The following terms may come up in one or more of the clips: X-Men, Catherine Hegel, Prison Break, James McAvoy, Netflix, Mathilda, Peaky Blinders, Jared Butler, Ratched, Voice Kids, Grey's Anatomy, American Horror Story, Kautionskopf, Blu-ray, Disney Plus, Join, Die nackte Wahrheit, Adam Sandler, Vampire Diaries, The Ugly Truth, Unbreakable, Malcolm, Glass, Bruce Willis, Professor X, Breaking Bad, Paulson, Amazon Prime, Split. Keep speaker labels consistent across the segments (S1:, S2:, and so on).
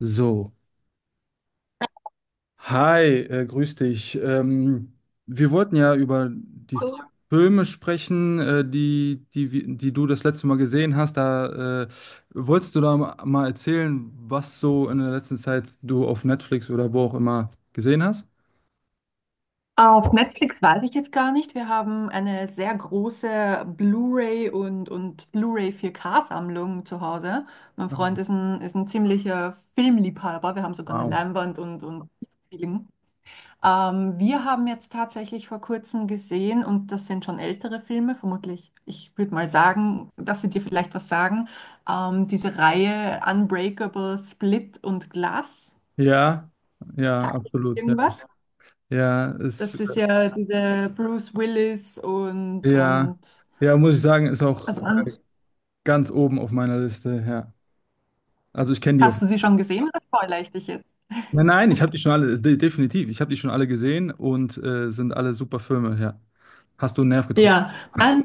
S1: So, hi, grüß dich. Wir wollten ja über die Filme sprechen, die du das letzte Mal gesehen hast. Da wolltest du da mal erzählen, was so in der letzten Zeit du auf Netflix oder wo auch immer gesehen hast?
S2: Auf Netflix weiß ich jetzt gar nicht. Wir haben eine sehr große Blu-ray und Blu-ray 4K-Sammlung zu Hause. Mein Freund
S1: Ah,
S2: ist ein ziemlicher Filmliebhaber. Wir haben sogar eine
S1: wow.
S2: Leinwand und Film. Wir haben jetzt tatsächlich vor kurzem gesehen, und das sind schon ältere Filme, vermutlich, ich würde mal sagen, dass sie dir vielleicht was sagen, diese Reihe Unbreakable, Split und Glass.
S1: Ja, ja,
S2: Sagt dir das
S1: absolut, ja.
S2: irgendwas?
S1: Ja, ist,
S2: Das ist ja diese Bruce Willis und,
S1: ja,
S2: und
S1: ja, muss ich sagen, ist auch
S2: also an,
S1: ganz oben auf meiner Liste, ja. Also ich kenne die auf.
S2: hast du sie schon gesehen oder spoilere ich dich jetzt?
S1: Nein, nein, ich habe die schon alle, definitiv, ich habe die schon alle gesehen und sind alle super Filme, ja. Hast du einen Nerv getroffen?
S2: Ja, mein,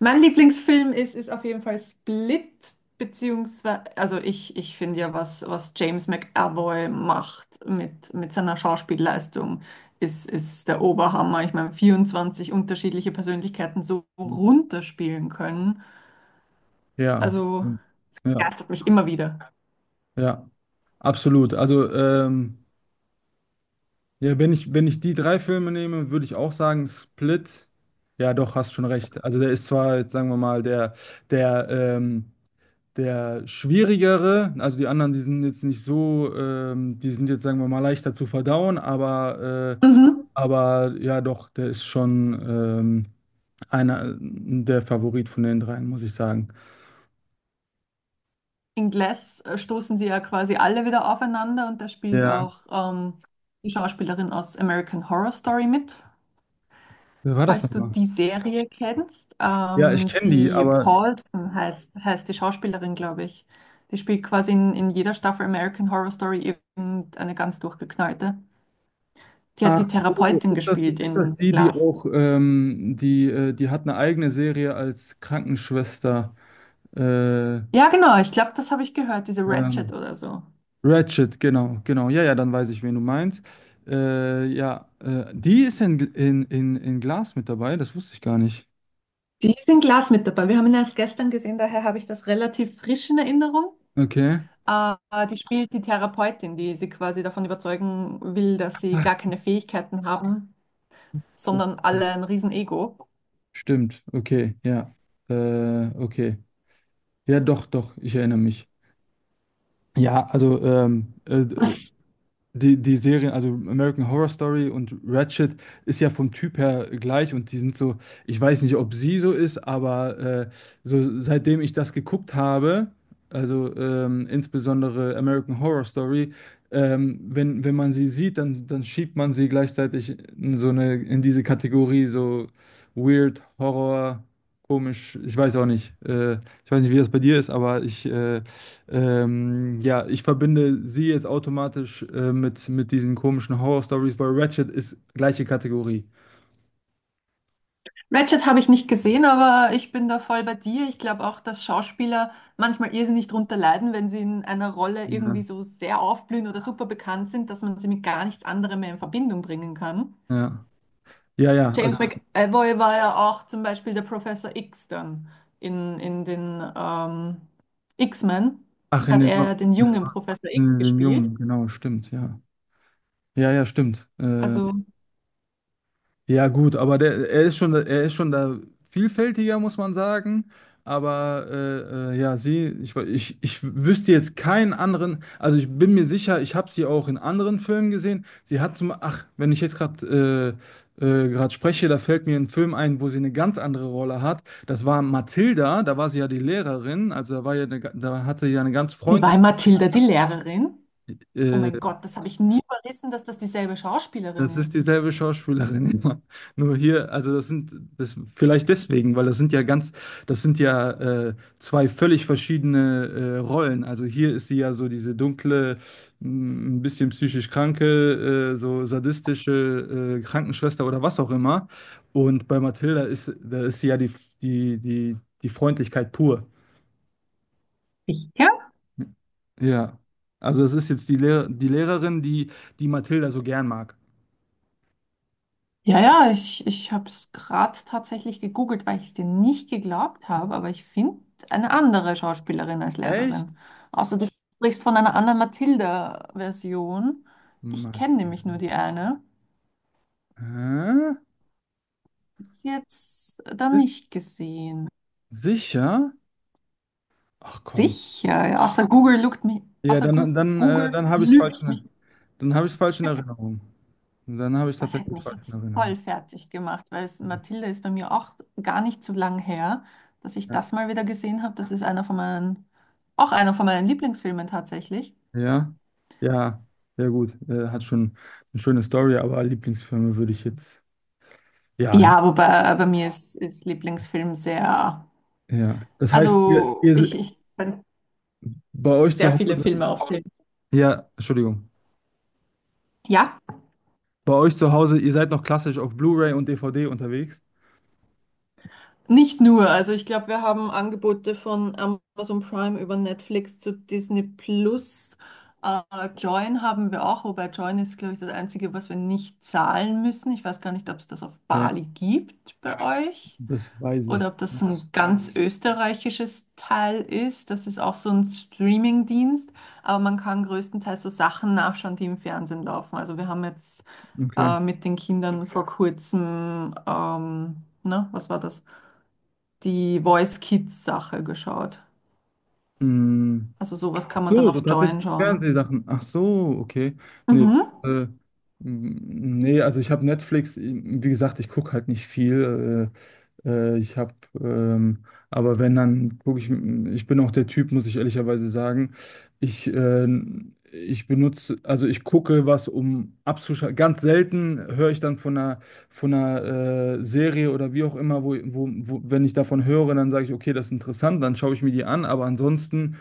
S2: mein Lieblingsfilm ist auf jeden Fall Split, beziehungsweise, also ich finde ja, was James McAvoy macht mit seiner Schauspielleistung, ist der Oberhammer. Ich meine, 24 unterschiedliche Persönlichkeiten so runterspielen können,
S1: Ja,
S2: also
S1: ja,
S2: begeistert mich immer wieder.
S1: ja, absolut. Also, ja, wenn ich die drei Filme nehme, würde ich auch sagen, Split, ja, doch, hast schon recht. Also, der ist zwar, jetzt sagen wir mal, der, ähm, der schwierigere, also die anderen, die sind jetzt nicht so, die sind jetzt, sagen wir mal, leichter zu verdauen, aber
S2: Mhm.
S1: aber ja, doch, der ist schon einer der Favorit von den dreien, muss ich sagen.
S2: In Glass stoßen sie ja quasi alle wieder aufeinander und da spielt
S1: Ja,
S2: auch die Schauspielerin aus American Horror Story mit,
S1: wer war das
S2: falls du
S1: nochmal?
S2: die Serie kennst.
S1: Ja, ich kenne die,
S2: Die
S1: aber.
S2: Paulson heißt die Schauspielerin, glaube ich. Die spielt quasi in jeder Staffel American Horror Story irgendeine ganz durchgeknallte. Die hat die
S1: Ach so,
S2: Therapeutin gespielt
S1: ist
S2: in
S1: das die, die
S2: Glass.
S1: auch, die, die hat eine eigene Serie als Krankenschwester. Äh,
S2: Ja, genau, ich glaube, das habe ich gehört, diese Ratchet
S1: ähm,
S2: oder so.
S1: Ratched, genau, genau. Ja, ja, dann weiß ich, wen du meinst. Ja, die ist in, in Glas mit dabei, das wusste ich gar nicht.
S2: Die ist in Glass mit dabei. Wir haben ihn erst gestern gesehen, daher habe ich das relativ frisch in Erinnerung.
S1: Okay.
S2: Äh, Die spielt die Therapeutin, die sie quasi davon überzeugen will, dass sie
S1: Ach,
S2: gar keine Fähigkeiten haben,
S1: so.
S2: sondern alle ein Riesen-Ego.
S1: Stimmt, okay, ja. Okay. Ja, doch, doch, ich erinnere mich. Ja,
S2: Was?
S1: die, die Serien, also American Horror Story und Ratched, ist ja vom Typ her gleich und die sind so, ich weiß nicht, ob sie so ist, aber so seitdem ich das geguckt habe, insbesondere American Horror Story, wenn, wenn man sie sieht, dann, dann schiebt man sie gleichzeitig in so eine, in diese Kategorie, so weird, Horror, komisch, ich weiß auch nicht. Ich weiß nicht, wie das bei dir ist, aber ich ja, ich verbinde sie jetzt automatisch mit diesen komischen Horror-Stories, weil Ratched ist gleiche Kategorie.
S2: Ratched habe ich nicht gesehen, aber ich bin da voll bei dir. Ich glaube auch, dass Schauspieler manchmal irrsinnig drunter leiden, wenn sie in einer Rolle
S1: Ja,
S2: irgendwie so sehr aufblühen oder super bekannt sind, dass man sie mit gar nichts anderem mehr in Verbindung bringen kann.
S1: ja, ja, ja, also,
S2: James McAvoy war ja auch zum Beispiel der Professor X dann in den X-Men,
S1: ach,
S2: hat er ja den
S1: in den,
S2: jungen Professor X
S1: in den
S2: gespielt.
S1: Jungen, genau, stimmt, ja. Ja, ja, stimmt.
S2: Also
S1: Ja, gut, aber der, er ist schon da vielfältiger, muss man sagen. Aber ja, sie, ich wüsste jetzt keinen anderen, also ich bin mir sicher, ich habe sie auch in anderen Filmen gesehen. Sie hat zum, ach, wenn ich jetzt gerade gerade spreche, da fällt mir ein Film ein, wo sie eine ganz andere Rolle hat. Das war Mathilda, da war sie ja die Lehrerin, also da war ja eine, da hatte sie ja eine ganz
S2: die
S1: freundliche
S2: war Mathilda, die Lehrerin. Oh
S1: äh,
S2: mein Gott, das habe ich nie verrissen, dass das dieselbe
S1: das
S2: Schauspielerin
S1: ist
S2: ist.
S1: dieselbe Schauspielerin, ja. Nur hier, also das sind das vielleicht deswegen, weil das sind ja ganz, das sind ja zwei völlig verschiedene Rollen. Also hier ist sie ja so diese dunkle, ein bisschen psychisch kranke, so sadistische Krankenschwester oder was auch immer. Und bei Mathilda ist, da ist sie ja die, die, die, die Freundlichkeit pur.
S2: Sicher?
S1: Ja. Also das ist jetzt die Lehrerin, die, die Mathilda so gern mag.
S2: Ja, ja, ich habe es gerade tatsächlich gegoogelt, weil ich es dir nicht geglaubt habe, aber ich finde eine andere Schauspielerin als
S1: Echt?
S2: Lehrerin. Außer du sprichst von einer anderen Mathilda-Version. Ich
S1: Matt.
S2: kenne nämlich nur die eine.
S1: Hä?
S2: Ist Jetzt dann nicht gesehen.
S1: Sicher? Ach komm.
S2: Sicher, ja, außer Google lügt mich,
S1: Ja,
S2: außer Google
S1: dann habe ich es falsch
S2: lügt mich.
S1: in, dann habe ich falsch in Erinnerung. Dann habe ich
S2: Das hätte
S1: tatsächlich
S2: mich
S1: falsch in
S2: jetzt
S1: Erinnerung.
S2: voll fertig gemacht, weil es, Mathilde ist bei mir auch gar nicht so lang her, dass ich
S1: Ja.
S2: das mal wieder gesehen habe. Das ist einer von meinen, auch einer von meinen Lieblingsfilmen tatsächlich.
S1: Ja, ja, ja gut. Hat schon eine schöne Story, aber Lieblingsfilme würde ich jetzt. Ja,
S2: Ja, wobei bei mir ist Lieblingsfilm sehr,
S1: ja. Das heißt,
S2: also ich, ich kann
S1: bei euch
S2: sehr
S1: zu
S2: viele
S1: Hause.
S2: Filme aufzählen.
S1: Ja, Entschuldigung.
S2: Ja?
S1: Bei euch zu Hause, ihr seid noch klassisch auf Blu-ray und DVD unterwegs.
S2: Nicht nur, also ich glaube, wir haben Angebote von Amazon Prime über Netflix zu Disney Plus. Äh, Join haben wir auch, wobei Join ist, glaube ich, das Einzige, was wir nicht zahlen müssen. Ich weiß gar nicht, ob es das auf
S1: Okay.
S2: Bali gibt bei euch
S1: Das weiß
S2: oder
S1: ich.
S2: ob das ein ganz österreichisches Teil ist. Das ist auch so ein Streaming-Dienst, aber man kann größtenteils so Sachen nachschauen, die im Fernsehen laufen. Also wir haben jetzt
S1: Okay.
S2: mit den Kindern Okay. vor kurzem, na, was war das? Die Voice Kids Sache geschaut.
S1: Mm.
S2: Also sowas kann man dann
S1: So, so
S2: auf Join
S1: tatsächlich
S2: schauen.
S1: Fernsehsachen. Ach so, okay. Nee,
S2: Mhm.
S1: äh, nee, also ich habe Netflix, wie gesagt, ich gucke halt nicht viel. Ich habe, aber wenn, dann gucke ich, ich bin auch der Typ, muss ich ehrlicherweise sagen. Ich, ich benutze, also ich gucke was, um abzuschalten. Ganz selten höre ich dann von einer Serie oder wie auch immer, wenn ich davon höre, dann sage ich, okay, das ist interessant, dann schaue ich mir die an, aber ansonsten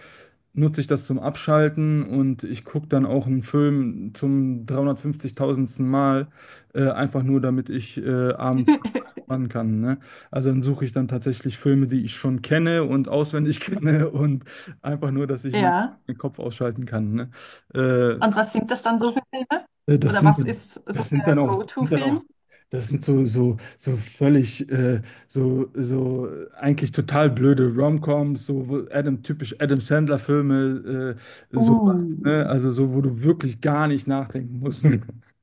S1: nutze ich das zum Abschalten und ich gucke dann auch einen Film zum 350.000. Mal, einfach nur, damit ich abends entspannen kann. Ne? Also dann suche ich dann tatsächlich Filme, die ich schon kenne und auswendig kenne und einfach nur, dass ich meinen
S2: Ja.
S1: Kopf ausschalten kann. Ne? Äh,
S2: Und was sind das dann so für Filme?
S1: das
S2: Oder
S1: sind
S2: was
S1: dann,
S2: ist so der
S1: das sind dann
S2: Go-To-Film?
S1: auch, das sind so völlig, eigentlich total blöde Romcoms, so wo Adam, typisch Adam Sandler-Filme, so,
S2: Uh.
S1: ne? Also so, wo du wirklich gar nicht nachdenken musst.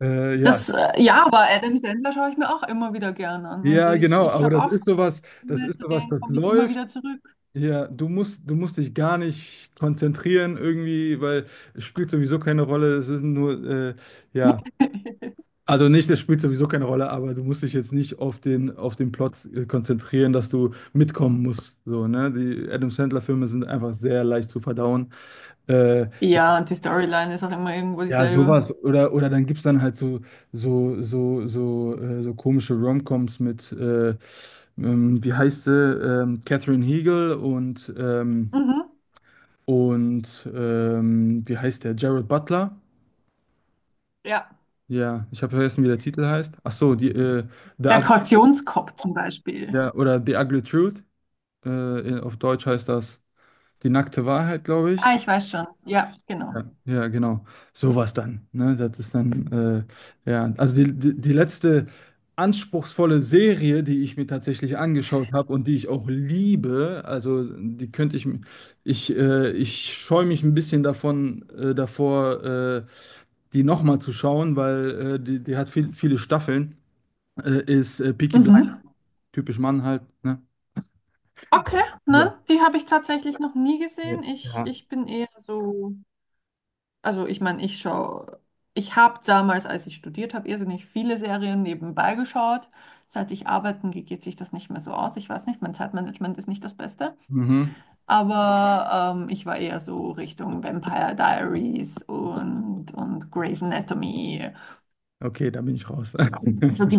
S1: Ja.
S2: Das, ja, aber Adam Sandler schaue ich mir auch immer wieder gern an. Also
S1: Ja,
S2: ich,
S1: genau,
S2: ich
S1: aber
S2: habe
S1: das
S2: auch so
S1: ist sowas, das
S2: Filme,
S1: ist
S2: zu
S1: sowas,
S2: denen
S1: das
S2: komme ich immer
S1: läuft.
S2: wieder zurück.
S1: Ja, du musst dich gar nicht konzentrieren irgendwie, weil es spielt sowieso keine Rolle. Es ist nur, ja. Also nicht, das spielt sowieso keine Rolle, aber du musst dich jetzt nicht auf den, auf den Plot konzentrieren, dass du mitkommen musst. So, ne? Die Adam Sandler-Filme sind einfach sehr leicht zu verdauen. Äh, ja,
S2: Ja, und die Storyline ist auch immer irgendwo
S1: ja,
S2: dieselbe.
S1: sowas. Oder dann gibt es dann halt so, so komische Romcoms mit, wie heißt sie? Catherine Hegel
S2: Mhm.
S1: und wie heißt der? Jared Butler.
S2: Ja.
S1: Ja, ich habe vergessen, wie der Titel heißt. Ach so, die, The
S2: Der
S1: Ugly,
S2: Kautionskopf zum Beispiel.
S1: ja, oder The Ugly Truth. Auf Deutsch heißt das Die nackte Wahrheit, glaube ich.
S2: Ah, ich weiß schon. Ja, genau.
S1: Ja, ja, genau. Sowas dann. Ne? Das ist dann, ja, also die letzte anspruchsvolle Serie, die ich mir tatsächlich angeschaut habe und die ich auch liebe, also die könnte ich, ich scheue mich ein bisschen davon, davor, die nochmal zu schauen, weil die, die hat viel, viele Staffeln, ist Peaky Blind,
S2: Mhm.
S1: typisch Mann halt, ne?
S2: Okay,
S1: Ja.
S2: ne? Die habe ich tatsächlich noch nie gesehen. Ich,
S1: Ja.
S2: ich bin eher so, also ich meine, ich schaue, ich habe damals, als ich studiert habe, irrsinnig viele Serien nebenbei geschaut. Seit ich arbeiten gehe, geht sich das nicht mehr so aus. Ich weiß nicht, mein Zeitmanagement ist nicht das Beste.
S1: Mhm.
S2: Aber ich war eher so Richtung Vampire Diaries und Grey's Anatomy,
S1: Okay, da bin ich raus.
S2: also die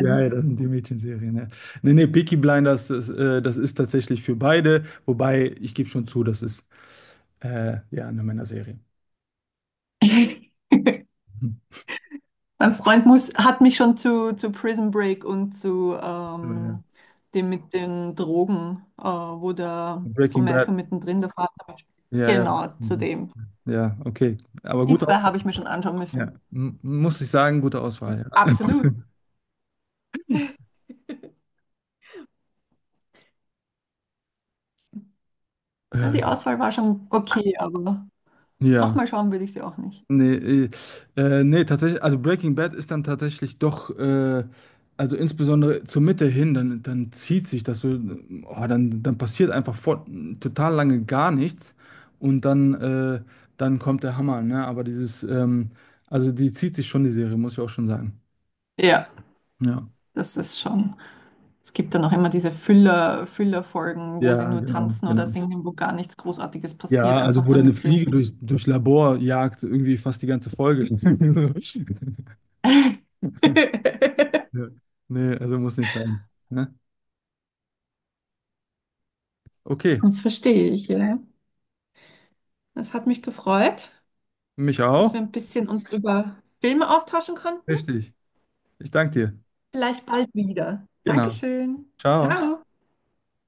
S1: Ja, ja, das sind die Mädchenserien. Ja. Nee, nee, Peaky Blinders, das, das ist tatsächlich für beide, wobei ich gebe schon zu, das ist ja eine Männerserie. Hm.
S2: Mein Freund muss, hat mich schon zu Prison Break und zu
S1: Ja. ja.
S2: dem mit den Drogen, wo der von
S1: Breaking Bad.
S2: Malcolm mittendrin der Vater mitspielt.
S1: Ja, ja,
S2: Genau,
S1: Breaking
S2: zu
S1: Bad.
S2: dem.
S1: Ja, okay. Aber
S2: Die
S1: gute
S2: zwei habe
S1: Auswahl.
S2: ich mir schon anschauen
S1: Ja,
S2: müssen.
S1: M muss ich sagen, gute
S2: I-
S1: Auswahl.
S2: Absolut.
S1: Ja.
S2: Ja,
S1: Äh,
S2: die Auswahl war schon okay, aber
S1: ja.
S2: nochmal schauen würde ich sie auch nicht.
S1: Nee, äh, nee, tatsächlich, also Breaking Bad ist dann tatsächlich doch, also insbesondere zur Mitte hin, dann, dann zieht sich das so, oh, dann, dann passiert einfach vor, total lange gar nichts und dann, dann kommt der Hammer, ne? Aber dieses, also die zieht sich schon, die Serie, muss ich auch schon sagen.
S2: Ja,
S1: Ja.
S2: das ist schon. Es gibt dann auch immer diese Füller, Füller-Folgen, wo sie
S1: Ja,
S2: nur
S1: genau,
S2: tanzen oder
S1: genau.
S2: singen, wo gar nichts Großartiges passiert,
S1: Ja, also
S2: einfach
S1: wo der eine
S2: damit sie.
S1: Fliege durch Labor jagt, irgendwie fast die ganze Folge. So. Ja. Nee, also muss nicht sein. Ne? Okay,
S2: Das verstehe ich, ja. Das hat mich gefreut,
S1: mich
S2: dass
S1: auch.
S2: wir ein bisschen uns über Filme austauschen konnten.
S1: Richtig. Ich danke dir.
S2: Vielleicht bald wieder.
S1: Genau.
S2: Dankeschön.
S1: Ciao.
S2: Ciao.